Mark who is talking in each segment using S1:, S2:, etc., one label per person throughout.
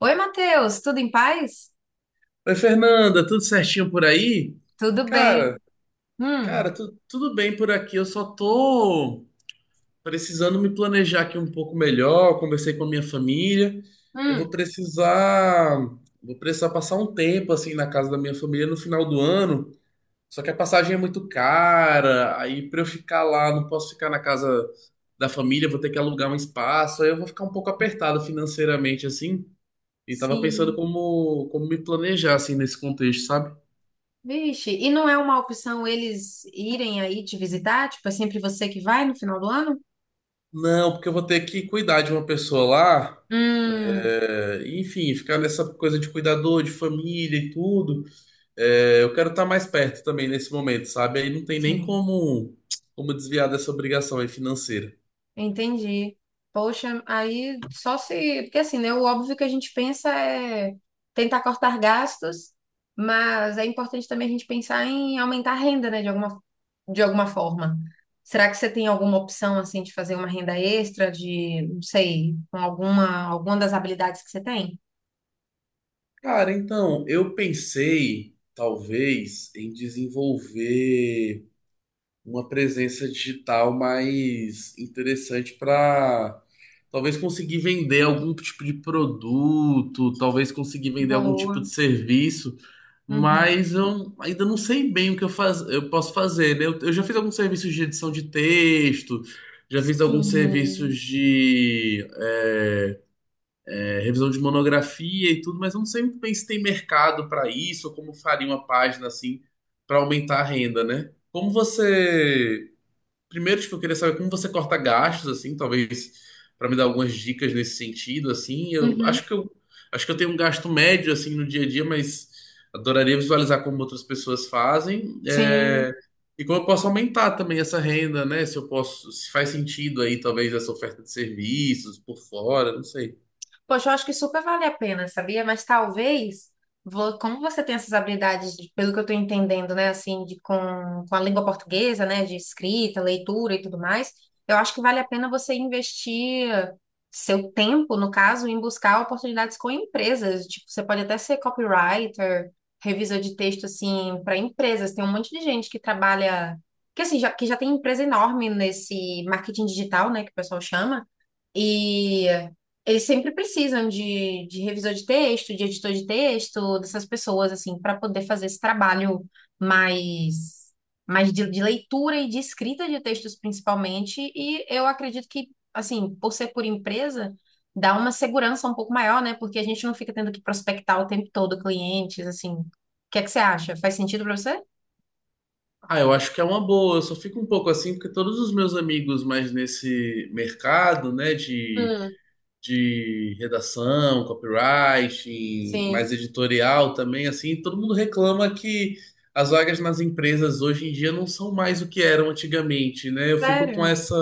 S1: Oi, Matheus, tudo em paz?
S2: Oi, Fernanda, tudo certinho por aí?
S1: Tudo bem.
S2: Cara,
S1: Hum,
S2: Tudo bem por aqui. Eu só tô precisando me planejar aqui um pouco melhor. Conversei com a minha família. Eu vou
S1: Hum,
S2: precisar, vou precisar passar um tempo assim na casa da minha família no final do ano. Só que a passagem é muito cara. Aí pra eu ficar lá, não posso ficar na casa da família, vou ter que alugar um espaço. Aí eu vou ficar um pouco apertado financeiramente assim. E tava pensando
S1: sim.
S2: como me planejar assim nesse contexto, sabe?
S1: Vixe, e não é uma opção eles irem aí te visitar? Tipo, é sempre você que vai no final do ano?
S2: Não, porque eu vou ter que cuidar de uma pessoa lá.
S1: Hum.
S2: É, enfim, ficar nessa coisa de cuidador, de família e tudo. É, eu quero estar mais perto também nesse momento, sabe? Aí não tem nem
S1: Sim.
S2: como desviar dessa obrigação aí financeira.
S1: Entendi. Poxa, aí só se. Porque assim, né? O óbvio que a gente pensa é tentar cortar gastos, mas é importante também a gente pensar em aumentar a renda, né? De alguma forma. Será que você tem alguma opção, assim, de fazer uma renda extra, de, não sei, com alguma das habilidades que você tem?
S2: Cara, então, eu pensei, talvez, em desenvolver uma presença digital mais interessante para talvez conseguir vender algum tipo de produto, talvez conseguir vender algum tipo de
S1: Boa.
S2: serviço,
S1: Uhum.
S2: mas eu ainda não sei bem o que eu posso fazer, né? Eu já fiz alguns serviços de edição de texto, já fiz alguns serviços
S1: Sim.
S2: de revisão de monografia e tudo, mas eu não sei muito bem se tem mercado para isso, ou como faria uma página assim para aumentar a renda, né? Como você primeiro, tipo, eu queria saber como você corta gastos, assim, talvez para me dar algumas dicas nesse sentido, assim. Eu
S1: Uhum.
S2: acho que eu acho que eu tenho um gasto médio assim no dia a dia, mas adoraria visualizar como outras pessoas fazem,
S1: Sim.
S2: e como eu posso aumentar também essa renda, né? Se eu posso, se faz sentido aí, talvez essa oferta de serviços por fora, não sei.
S1: Poxa, eu acho que super vale a pena, sabia? Mas talvez, como você tem essas habilidades, de- pelo que eu estou entendendo, né, assim, de, com a língua portuguesa, né, de escrita, leitura e tudo mais, eu acho que vale a pena você investir seu tempo, no caso, em buscar oportunidades com empresas. Tipo, você pode até ser copywriter, revisor de texto, assim, para empresas. Tem um monte de gente que trabalha, que assim, que já tem empresa enorme nesse marketing digital, né, que o pessoal chama. E eles sempre precisam de revisor de texto, de editor de texto, dessas pessoas, assim, para poder fazer esse trabalho mais, mais de leitura e de escrita de textos, principalmente. E eu acredito que, assim, por ser por empresa, dá uma segurança um pouco maior, né? Porque a gente não fica tendo que prospectar o tempo todo clientes, assim. O que é que você acha? Faz sentido para você?
S2: Ah, eu acho que é uma boa. Eu só fico um pouco assim porque todos os meus amigos mais nesse mercado, né, de
S1: Hum,
S2: de redação, copywriting,
S1: sim.
S2: mais editorial também, assim, todo mundo reclama que as vagas nas empresas hoje em dia não são mais o que eram antigamente, né?
S1: Sério?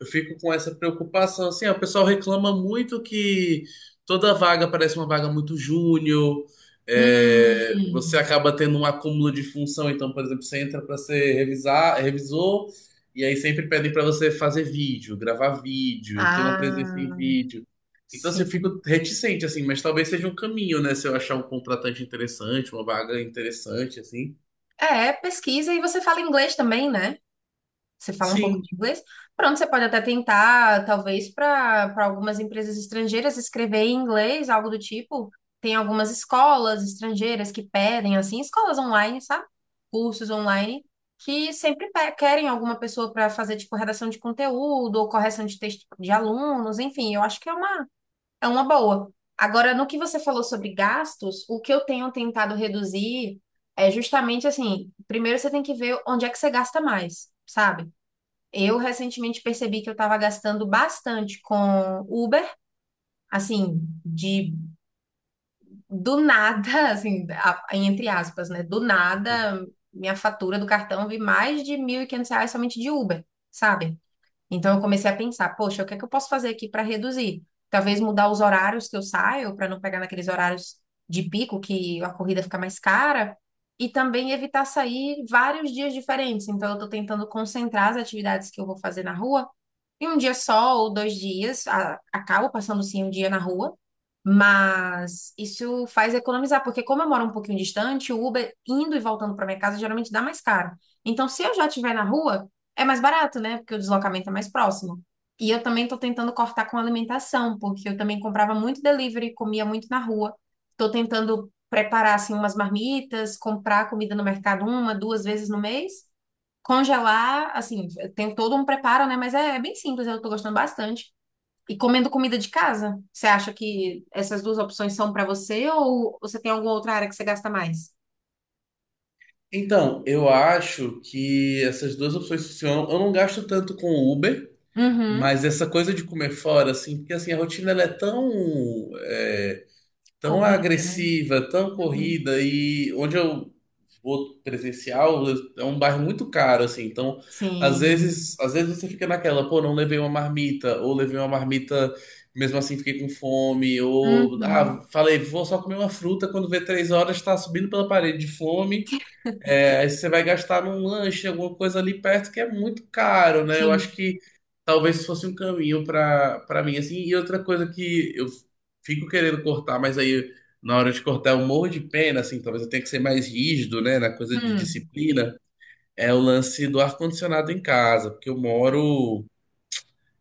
S2: Eu fico com essa preocupação, assim, ó, o pessoal reclama muito que toda vaga parece uma vaga muito júnior, é, você
S1: Hum.
S2: acaba tendo um acúmulo de função, então, por exemplo, você entra para ser revisor, e aí sempre pedem para você fazer vídeo, gravar vídeo, ter uma presença em
S1: Ah,
S2: vídeo. Então, assim,
S1: sim.
S2: eu fico reticente, assim, mas talvez seja um caminho, né? Se eu achar um contratante interessante, uma vaga interessante, assim.
S1: É, pesquisa e você fala inglês também, né? Você fala um pouco
S2: Sim.
S1: de inglês. Pronto, você pode até tentar, talvez, para algumas empresas estrangeiras escrever em inglês, algo do tipo. Tem algumas escolas estrangeiras que pedem, assim, escolas online, sabe? Cursos online, que sempre querem alguma pessoa para fazer, tipo, redação de conteúdo ou correção de texto de alunos, enfim, eu acho que é uma boa. Agora, no que você falou sobre gastos, o que eu tenho tentado reduzir é justamente assim: primeiro você tem que ver onde é que você gasta mais, sabe? Eu recentemente percebi que eu estava gastando bastante com Uber, assim, de do nada, assim, a- entre aspas, né? Do nada, minha fatura do cartão vi mais de R$ 1.500 somente de Uber, sabe? Então eu comecei a pensar, poxa, o que é que eu posso fazer aqui para reduzir? Talvez mudar os horários que eu saio para não pegar naqueles horários de pico que a corrida fica mais cara e também evitar sair vários dias diferentes. Então eu estou tentando concentrar as atividades que eu vou fazer na rua e um dia só ou dois dias, a- acabo passando sim um dia na rua, mas isso faz economizar, porque como eu moro um pouquinho distante, o Uber indo e voltando para minha casa geralmente dá mais caro. Então, se eu já estiver na rua, é mais barato, né? Porque o deslocamento é mais próximo. E eu também estou tentando cortar com alimentação, porque eu também comprava muito delivery, comia muito na rua. Estou tentando preparar assim umas marmitas, comprar comida no mercado uma, duas vezes no mês. Congelar, assim, tem todo um preparo, né? Mas é bem simples, eu tô gostando bastante. E comendo comida de casa, você acha que essas duas opções são pra você ou você tem alguma outra área que você gasta mais?
S2: Então, eu acho que essas duas opções funcionam. Eu não gasto tanto com o Uber,
S1: Uhum.
S2: mas essa coisa de comer fora, assim, porque assim, a rotina ela é tão é, tão
S1: Corrida, né?
S2: agressiva, tão
S1: Uhum.
S2: corrida e onde eu vou presencial é um bairro muito caro assim. Então,
S1: Sim.
S2: às vezes você fica naquela, pô, não levei uma marmita ou levei uma marmita mesmo assim fiquei com fome ou
S1: Uhum.
S2: ah, falei, vou só comer uma fruta quando vê 3 horas tá subindo pela parede de fome. É, aí você vai gastar num lanche, alguma coisa ali perto que é muito caro, né? Eu acho
S1: Sim.
S2: que talvez fosse um caminho para mim, assim. E outra coisa que eu fico querendo cortar, mas aí na hora de cortar eu morro de pena, assim, talvez eu tenha que ser mais rígido, né, na coisa de
S1: Hum.
S2: disciplina, é o lance do ar-condicionado em casa, porque eu moro,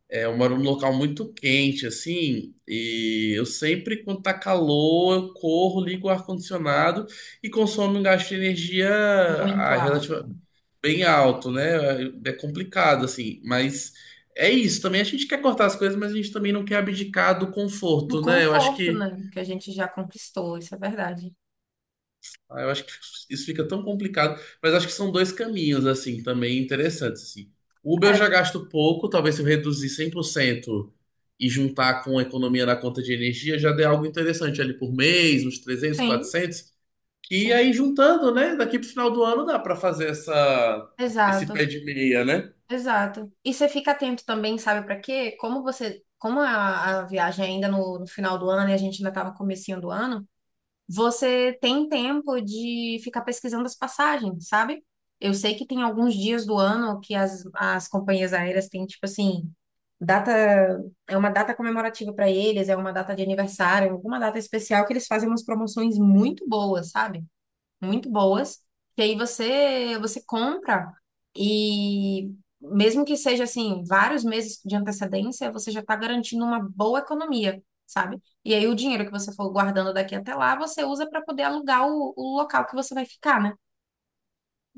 S2: é, eu moro num local muito quente, assim, e eu sempre, quando tá calor, eu corro, ligo o ar-condicionado e consome um gasto de energia
S1: Muito alto.
S2: bem alto, né? É complicado, assim, mas é isso também. A gente quer cortar as coisas, mas a gente também não quer abdicar do
S1: Do
S2: conforto, né?
S1: conforto, né? Que a gente já conquistou, isso é verdade.
S2: Eu acho que isso fica tão complicado, mas acho que são dois caminhos, assim, também interessantes, assim. Uber eu já
S1: É,
S2: gasto pouco, talvez se eu reduzir 100% e juntar com a economia na conta de energia, já dê algo interessante ali por mês, uns trezentos
S1: sim,
S2: quatrocentos que
S1: sim.
S2: aí juntando, né? Daqui pro final do ano dá para fazer esse
S1: Exato.
S2: pé de meia, né?
S1: Exato. E você fica atento também, sabe para quê? Como você, como a viagem é ainda no final do ano e a gente ainda tá no comecinho do ano, você tem tempo de ficar pesquisando as passagens, sabe? Eu sei que tem alguns dias do ano que as companhias aéreas têm, tipo assim, data, é uma data comemorativa para eles, é uma data de aniversário, é alguma data especial que eles fazem umas promoções muito boas, sabe? Muito boas, que aí você compra e mesmo que seja assim vários meses de antecedência, você já está garantindo uma boa economia, sabe? E aí o dinheiro que você for guardando daqui até lá, você usa para poder alugar o local que você vai ficar, né?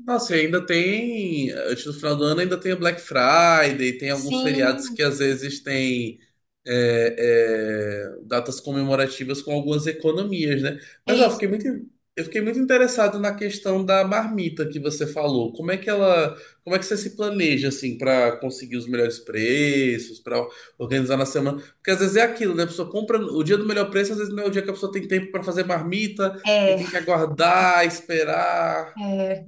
S2: Nossa, e ainda tem, antes do final do ano, ainda tem o Black Friday, tem alguns feriados
S1: Sim,
S2: que às vezes tem é, datas comemorativas com algumas economias, né?
S1: é
S2: Mas ó,
S1: isso.
S2: eu fiquei muito interessado na questão da marmita que você falou. Como é que você se planeja assim para conseguir os melhores preços, para organizar na semana? Porque às vezes é aquilo, né? A pessoa compra o dia do melhor preço, às vezes não é o dia que a pessoa tem tempo para fazer marmita, aí
S1: É,
S2: tem que aguardar, esperar.
S1: é,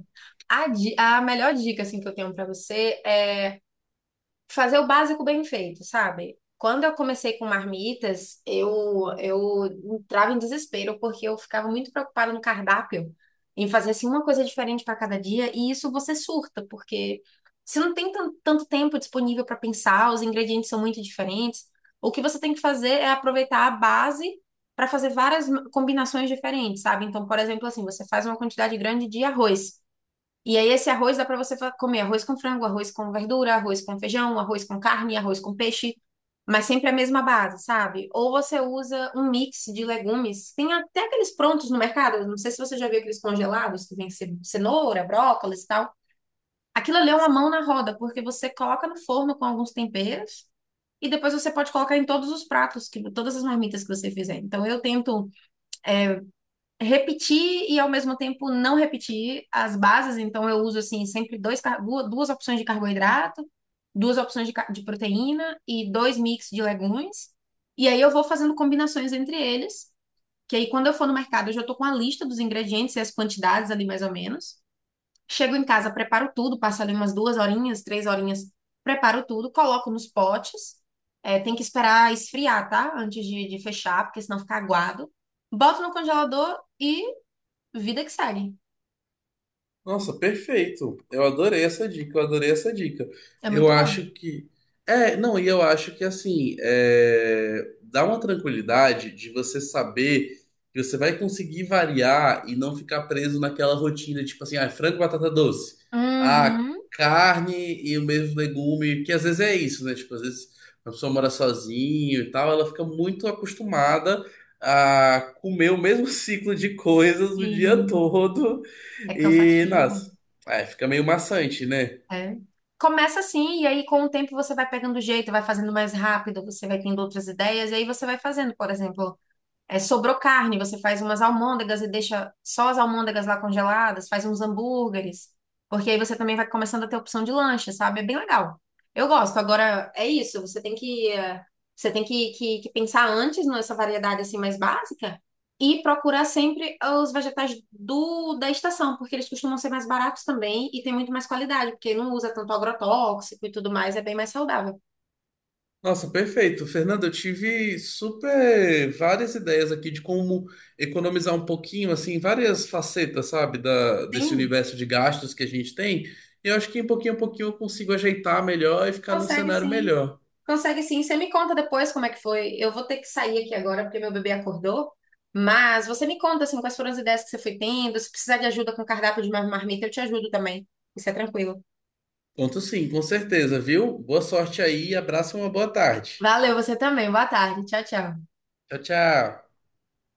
S1: a, di- a melhor dica assim que eu tenho para você é fazer o básico bem feito, sabe? Quando eu comecei com marmitas, eu entrava em desespero, porque eu ficava muito preocupada no cardápio, em fazer assim uma coisa diferente para cada dia, e isso você surta, porque você não tem tan- tanto tempo disponível para pensar, os ingredientes são muito diferentes. O que você tem que fazer é aproveitar a base para fazer várias m- combinações diferentes, sabe? Então, por exemplo, assim, você faz uma quantidade grande de arroz. E aí esse arroz dá para você fa- comer arroz com frango, arroz com verdura, arroz com feijão, arroz com carne, arroz com peixe, mas sempre a mesma base, sabe? Ou você usa um mix de legumes. Tem até aqueles prontos no mercado, não sei se você já viu aqueles congelados que vem ce- cenoura, brócolis e tal. Aquilo ali é uma mão na roda, porque você coloca no forno com alguns temperos e depois você pode colocar em todos os pratos, que, todas as marmitas que você fizer. Então eu tento repetir e ao mesmo tempo não repetir as bases. Então eu uso assim sempre dois, duas opções de carboidrato, duas opções de proteína e dois mix de legumes. E aí eu vou fazendo combinações entre eles, que aí quando eu for no mercado eu já estou com a lista dos ingredientes e as quantidades ali mais ou menos. Chego em casa, preparo tudo, passo ali umas duas horinhas, três horinhas, preparo tudo, coloco nos potes. É, tem que esperar esfriar, tá? Antes de fechar, porque senão fica aguado. Boto no congelador e vida que segue.
S2: Nossa, perfeito. Eu adorei essa dica, eu adorei essa dica.
S1: É
S2: Eu
S1: muito bom.
S2: acho que. É, não, e eu acho que assim, é, dá uma tranquilidade de você saber que você vai conseguir variar e não ficar preso naquela rotina, tipo assim, ah, frango e batata doce. Ah,
S1: Uhum.
S2: carne e o mesmo legume, que às vezes é isso, né? Tipo, às vezes a pessoa mora sozinho e tal, ela fica muito acostumada a comer o mesmo ciclo de coisas o dia
S1: Sim.
S2: todo.
S1: É
S2: E,
S1: cansativo.
S2: nossa, é, fica meio maçante, né?
S1: É. Começa assim, e aí com o tempo você vai pegando jeito, vai fazendo mais rápido, você vai tendo outras ideias, e aí você vai fazendo, por exemplo. É, sobrou carne, você faz umas almôndegas e deixa só as almôndegas lá congeladas, faz uns hambúrgueres, porque aí você também vai começando a ter opção de lanche, sabe? É bem legal. Eu gosto. Agora, é isso, você tem que, você tem que, que pensar antes nessa variedade assim mais básica e procurar sempre os vegetais da estação, porque eles costumam ser mais baratos também e tem muito mais qualidade, porque não usa tanto agrotóxico e tudo mais, é bem mais saudável.
S2: Nossa, perfeito. Fernanda, eu tive super várias ideias aqui de como economizar um pouquinho, assim, várias facetas, sabe, da, desse
S1: Sim.
S2: universo de gastos que a gente tem. E eu acho que em pouquinho a pouquinho eu consigo ajeitar melhor e ficar num
S1: Consegue
S2: cenário
S1: sim.
S2: melhor.
S1: Consegue sim. Você me conta depois como é que foi. Eu vou ter que sair aqui agora porque meu bebê acordou. Mas você me conta assim quais foram as ideias que você foi tendo. Se precisar de ajuda com cardápio de marmita, eu te ajudo também. Isso é tranquilo.
S2: Conto sim, com certeza, viu? Boa sorte aí, abraço e uma boa tarde.
S1: Valeu, você também. Boa tarde. Tchau, tchau.
S2: Tchau, tchau.